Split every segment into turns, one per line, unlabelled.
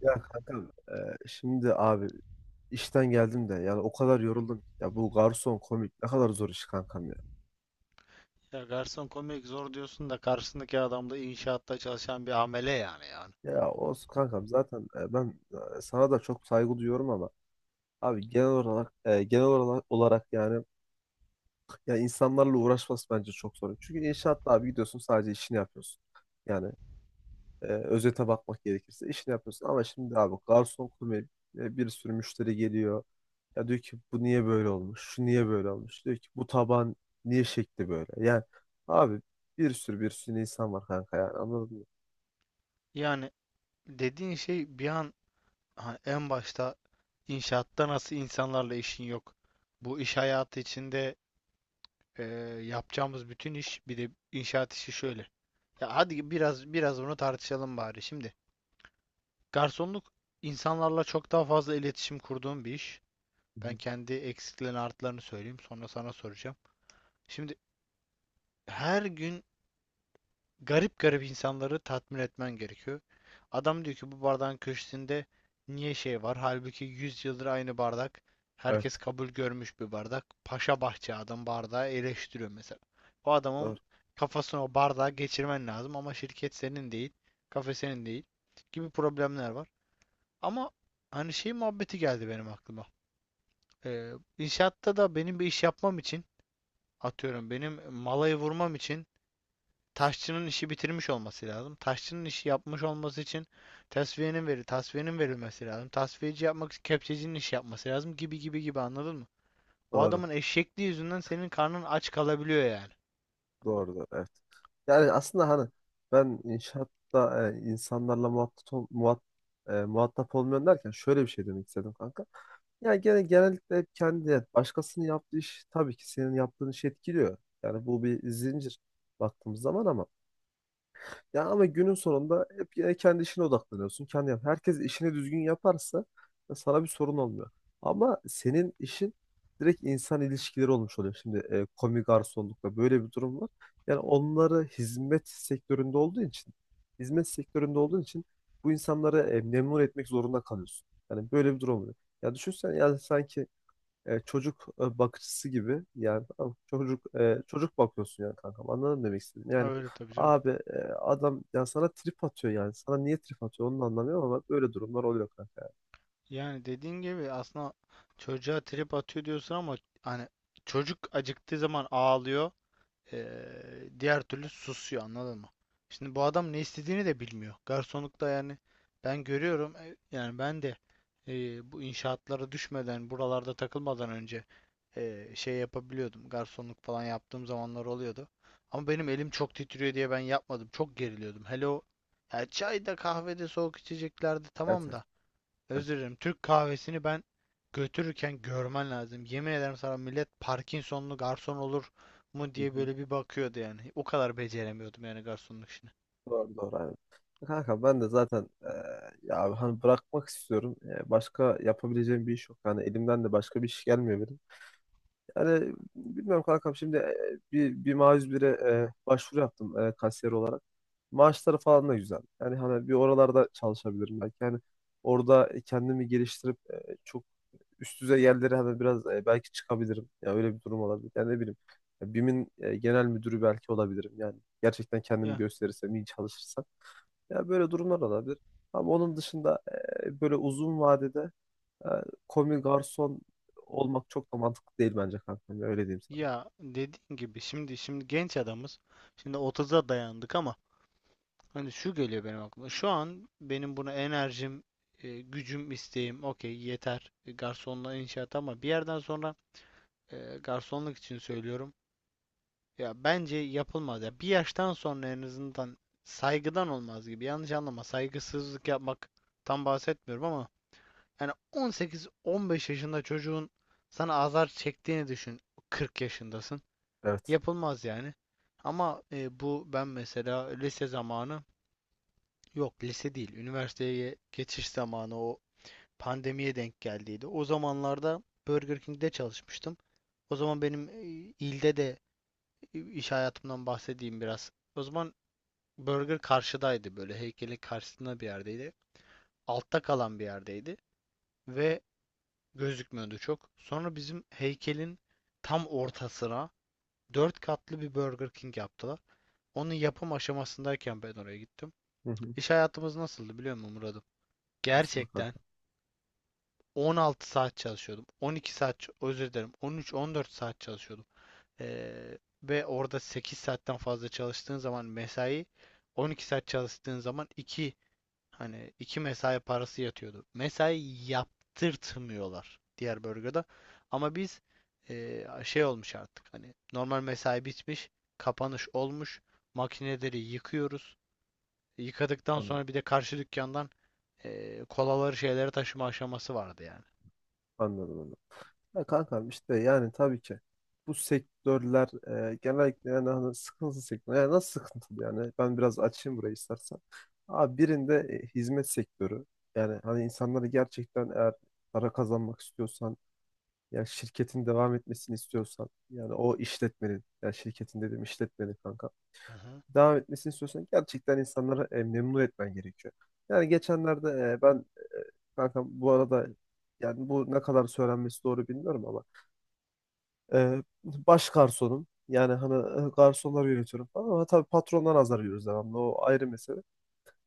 Ya kankam, şimdi abi işten geldim de yani o kadar yoruldum. Ya bu garson komik ne kadar zor iş kankam ya.
Ya garson komik zor diyorsun da karşısındaki adam da inşaatta çalışan bir amele yani.
Ya olsun kankam zaten, sana da çok saygı duyuyorum ama abi genel olarak yani ya insanlarla uğraşması bence çok zor. Çünkü inşaatta abi gidiyorsun sadece işini yapıyorsun. Yani özete bakmak gerekirse işini yapıyorsun ama şimdi abi garson komik, bir sürü müşteri geliyor. Ya diyor ki bu niye böyle olmuş? Şu niye böyle olmuş? Diyor ki bu taban niye şekli böyle? Yani abi bir sürü insan var kanka, yani anladın mı?
Yani dediğin şey bir an ha, en başta inşaatta nasıl insanlarla işin yok. Bu iş hayatı içinde e, yapacağımız bütün iş bir de inşaat işi şöyle. Ya hadi biraz bunu tartışalım bari şimdi. Garsonluk insanlarla çok daha fazla iletişim kurduğum bir iş.
Hı
Ben
hı.
kendi eksiklerini artılarını söyleyeyim sonra sana soracağım. Şimdi her gün garip garip insanları tatmin etmen gerekiyor. Adam diyor ki bu bardağın köşesinde niye şey var? Halbuki 100 yıldır aynı bardak. Herkes
Evet.
kabul görmüş bir bardak. Paşa bahçe adam bardağı eleştiriyor mesela. O
Doğru.
adamın kafasına o bardağı geçirmen lazım ama şirket senin değil, kafe senin değil gibi problemler var. Ama hani şey muhabbeti geldi benim aklıma. Ee, inşaatta da benim bir iş yapmam için atıyorum benim malayı vurmam için taşçının işi bitirmiş olması lazım. Taşçının işi yapmış olması için tasfiyenin verilmesi lazım. Tasfiyeci yapmak için kepçecinin işi yapması lazım gibi gibi gibi anladın mı? O
Doğru.
adamın eşekliği yüzünden senin karnın aç kalabiliyor yani.
Doğru, evet. Yani aslında hani ben inşaatta e, insanlarla muhatap, ol- muhat, e, muhatap olmuyorum derken şöyle bir şey demek istedim kanka. Yani genellikle hep kendi, yani başkasının yaptığı iş tabii ki senin yaptığın işi etkiliyor. Yani bu bir zincir baktığımız zaman, ama ya ama günün sonunda hep yine kendi işine odaklanıyorsun. Kendi yap. Herkes işini düzgün yaparsa ya sana bir sorun olmuyor. Ama senin işin direkt insan ilişkileri olmuş oluyor. Şimdi komi garsonlukla böyle bir durum var. Yani onları hizmet sektöründe olduğu için, hizmet sektöründe olduğun için bu insanları memnun etmek zorunda kalıyorsun. Yani böyle bir durum oluyor. Ya düşünsen, yani sanki bakıcısı gibi, yani tamam mı? Çocuk çocuk bakıyorsun yani kankam, anladın mı demek istedim yani
Öyle tabii canım.
abi, adam ya sana trip atıyor, yani sana niye trip atıyor onu da anlamıyorum ama böyle durumlar oluyor kanka yani.
Yani dediğin gibi aslında çocuğa trip atıyor diyorsun ama hani çocuk acıktığı zaman ağlıyor. Diğer türlü susuyor anladın mı? Şimdi bu adam ne istediğini de bilmiyor. Garsonlukta yani ben görüyorum yani ben de bu inşaatlara düşmeden buralarda takılmadan önce şey yapabiliyordum. Garsonluk falan yaptığım zamanlar oluyordu. Ama benim elim çok titriyor diye ben yapmadım. Çok geriliyordum. Hele o ya çayda kahvede soğuk içeceklerde
Evet,
tamam
evet,
da
evet.
özür dilerim. Türk kahvesini ben götürürken görmen lazım. Yemin ederim sana millet Parkinsonlu garson olur mu
Hı
diye
hı.
böyle bir bakıyordu yani. O kadar beceremiyordum yani garsonluk işini.
Doğru, doğru, aynen. Kanka ben de zaten, ya abi hani bırakmak istiyorum. Başka yapabileceğim bir iş yok, yani elimden de başka bir iş gelmiyor benim. Yani bilmiyorum kankam, şimdi bir başvuru yaptım, kasiyer olarak. Maaşları falan da güzel. Yani hani bir oralarda çalışabilirim belki. Yani orada kendimi geliştirip, çok üst düzey yerlere hani biraz, belki çıkabilirim. Ya öyle bir durum olabilir. Yani ne bileyim. Ya BİM'in genel müdürü belki olabilirim. Yani gerçekten kendimi
Ya
gösterirsem, iyi çalışırsam. Ya böyle durumlar olabilir. Ama onun dışında, böyle uzun vadede e, komi garson olmak çok da mantıklı değil bence kankam. Ya öyle diyeyim sana.
ya dediğin gibi şimdi genç adamız. Şimdi 30'a dayandık ama hani şu geliyor benim aklıma. Şu an benim buna enerjim, gücüm, isteğim okey yeter. Garsonluğa inşaat ama bir yerden sonra garsonluk için söylüyorum. Ya bence yapılmaz ya. Bir yaştan sonra en azından saygıdan olmaz gibi. Yanlış anlama. Saygısızlık yapmak tam bahsetmiyorum ama yani 18-15 yaşında çocuğun sana azar çektiğini düşün. 40 yaşındasın.
Evet.
Yapılmaz yani. Ama bu ben mesela lise zamanı yok lise değil. Üniversiteye geçiş zamanı o pandemiye denk geldiydi. O zamanlarda Burger King'de çalışmıştım. O zaman benim ilde de iş hayatımdan bahsedeyim biraz. O zaman Burger karşıdaydı böyle heykelin karşısında bir yerdeydi. Altta kalan bir yerdeydi ve gözükmüyordu çok. Sonra bizim heykelin tam ortasına 4 katlı bir Burger King yaptılar. Onun yapım aşamasındayken ben oraya gittim.
Hı hı.
İş hayatımız nasıldı biliyor musun Murat'ım?
Aslında.
Gerçekten
Kanka,
16 saat çalışıyordum. 12 saat, özür dilerim 13-14 saat çalışıyordum. Ve orada 8 saatten fazla çalıştığın zaman mesai, 12 saat çalıştığın zaman 2. Hani iki mesai parası yatıyordu. Mesai yaptırtmıyorlar diğer bölgede. Ama biz şey olmuş artık hani normal mesai bitmiş, kapanış olmuş. Makineleri yıkıyoruz. Yıkadıktan
anladım,
sonra bir de karşı dükkandan kolaları şeyleri taşıma aşaması vardı yani.
anladım onu. Ya kankam, işte yani tabii ki bu sektörler genellikle yani hani sıkıntılı sektör. Yani nasıl sıkıntılı yani? Ben biraz açayım burayı istersen. Abi birinde hizmet sektörü. Yani hani insanları gerçekten, eğer para kazanmak istiyorsan, yani şirketin devam etmesini istiyorsan, yani o işletmenin, yani şirketin dedim, işletmenin kanka,
Hı hı.
devam etmesini istiyorsan gerçekten insanları memnun etmen gerekiyor. Yani geçenlerde, e, ben e, kankam bu arada, yani bu ne kadar söylenmesi doğru bilmiyorum ama baş garsonum. Yani hani garsonları yönetiyorum falan, ama tabii patrondan azar yiyoruz devamlı. O ayrı mesele.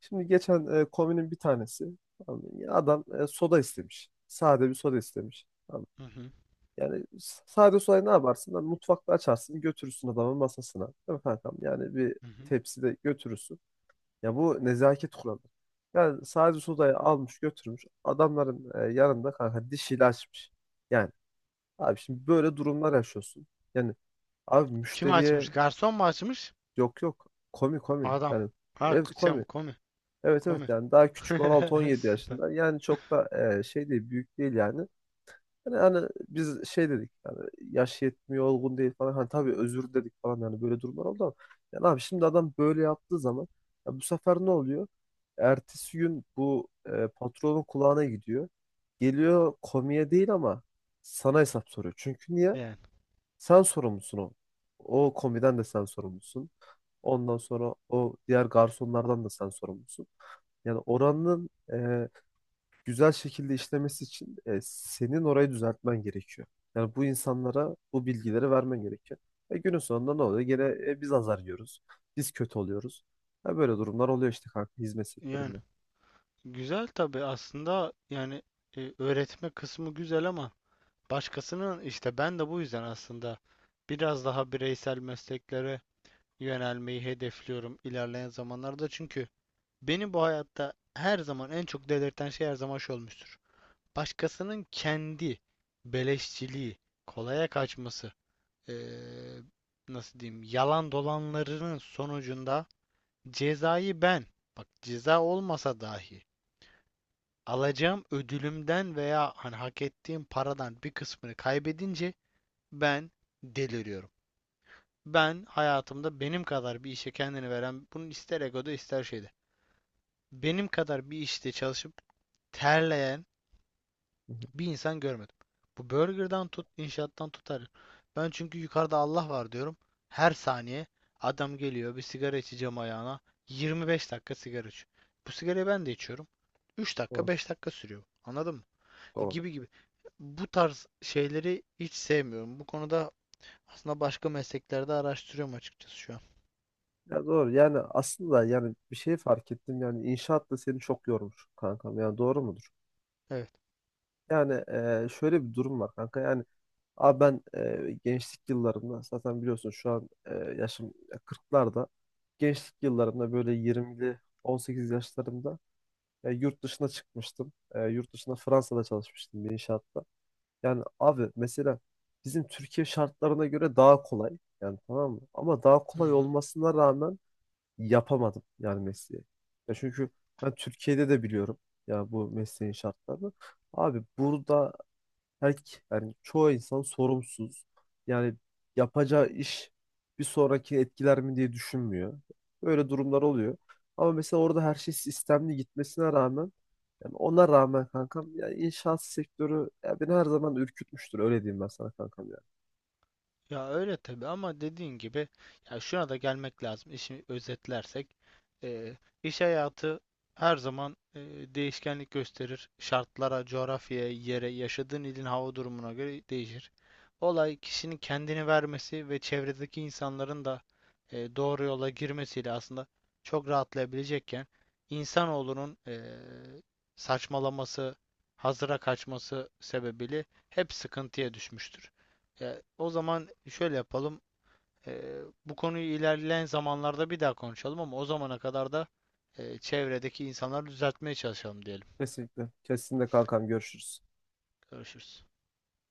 Şimdi geçen komünün bir tanesi, tamam mı? Ya adam soda istemiş. Sade bir soda istemiş. Tamam mı?
Hı hı.
Yani sade sodayı ne yaparsın? Lan mutfakta açarsın, götürürsün adamın masasına. Değil mi kankam? Yani bir
Hı hı.
tepside götürürsün. Ya bu nezaket kuralı. Yani sadece sodayı almış götürmüş. Adamların yanında kanka dişiyle açmış. Yani abi şimdi böyle durumlar yaşıyorsun. Yani abi
Kim açmış?
müşteriye.
Garson mu açmış?
Yok yok, komi.
Adam.
Yani
Ha,
evet,
şey
komi.
komi.
Evet, evet,
Komi.
yani daha küçük, 16-17
Süper.
yaşında. Yani çok da e, şey değil büyük değil yani. Yani hani biz şey dedik yani, yaş yetmiyor, olgun değil falan, hani tabii özür dedik falan, yani böyle durumlar oldu. Ama yani abi, şimdi adam böyle yaptığı zaman ya bu sefer ne oluyor? Ertesi gün bu patronun kulağına gidiyor. Geliyor, komiye değil ama sana hesap soruyor. Çünkü niye?
Yani.
Sen sorumlusun o. O komiden de sen sorumlusun. Ondan sonra o diğer garsonlardan da sen sorumlusun. Yani oranın güzel şekilde işlemesi için senin orayı düzeltmen gerekiyor. Yani bu insanlara bu bilgileri vermen gerekiyor. Günün sonunda ne oluyor? Gene biz azar yiyoruz. Biz kötü oluyoruz. Ya böyle durumlar oluyor işte kanka, hizmet
Yani.
sektöründe.
Güzel tabii aslında yani öğretme kısmı güzel ama başkasının işte ben de bu yüzden aslında biraz daha bireysel mesleklere yönelmeyi hedefliyorum ilerleyen zamanlarda. Çünkü beni bu hayatta her zaman en çok delirten şey her zaman şu olmuştur. Başkasının kendi beleşçiliği, kolaya kaçması, e, nasıl diyeyim, yalan dolanlarının sonucunda cezayı ben, bak ceza olmasa dahi alacağım ödülümden veya hani hak ettiğim paradan bir kısmını kaybedince ben deliriyorum. Ben hayatımda benim kadar bir işe kendini veren, bunu ister egoda ister şeyde. Benim kadar bir işte çalışıp terleyen
Hı hı.
bir insan görmedim. Bu burgerdan tut, inşaattan tutar. Ben çünkü yukarıda Allah var diyorum. Her saniye adam geliyor bir sigara içeceğim ayağına. 25 dakika sigara içiyor. Bu sigarayı ben de içiyorum. 3 dakika
Doğru,
5 dakika sürüyor. Anladın mı?
doğru.
Gibi gibi. Bu tarz şeyleri hiç sevmiyorum. Bu konuda aslında başka mesleklerde araştırıyorum açıkçası şu an.
Ya doğru, yani aslında yani bir şey fark ettim, yani inşaat da seni çok yormuş kankam. Yani doğru mudur?
Evet.
Yani şöyle bir durum var kanka. Yani abi ben gençlik yıllarımda zaten biliyorsun şu an yaşım 40'larda. Gençlik yıllarımda böyle 20'li 18 yaşlarımda yurt dışına çıkmıştım. E, yurt dışında Fransa'da çalışmıştım bir inşaatta. Yani abi mesela bizim Türkiye şartlarına göre daha kolay. Yani tamam mı? Ama daha
Hı
kolay
hı.
olmasına rağmen yapamadım yani mesleği. Ya çünkü ben Türkiye'de de biliyorum ya bu mesleğin şartlarını. Abi burada her, yani çoğu insan sorumsuz. Yani yapacağı iş bir sonraki etkiler mi diye düşünmüyor. Böyle durumlar oluyor. Ama mesela orada her şey sistemli gitmesine rağmen, yani ona rağmen kankam, yani inşaat sektörü ya beni her zaman ürkütmüştür, öyle diyeyim ben sana kankam ya.
Ya öyle tabii ama dediğin gibi ya şuna da gelmek lazım. İşi özetlersek eee, iş hayatı her zaman değişkenlik gösterir. Şartlara, coğrafyaya, yere, yaşadığın ilin hava durumuna göre değişir. Olay kişinin kendini vermesi ve çevredeki insanların da doğru yola girmesiyle aslında çok rahatlayabilecekken insanoğlunun saçmalaması, hazıra kaçması sebebiyle hep sıkıntıya düşmüştür. Ya, o zaman şöyle yapalım. Bu konuyu ilerleyen zamanlarda bir daha konuşalım ama o zamana kadar da çevredeki insanları düzeltmeye çalışalım diyelim.
Kesinlikle. Kesinlikle kankam, görüşürüz.
Görüşürüz.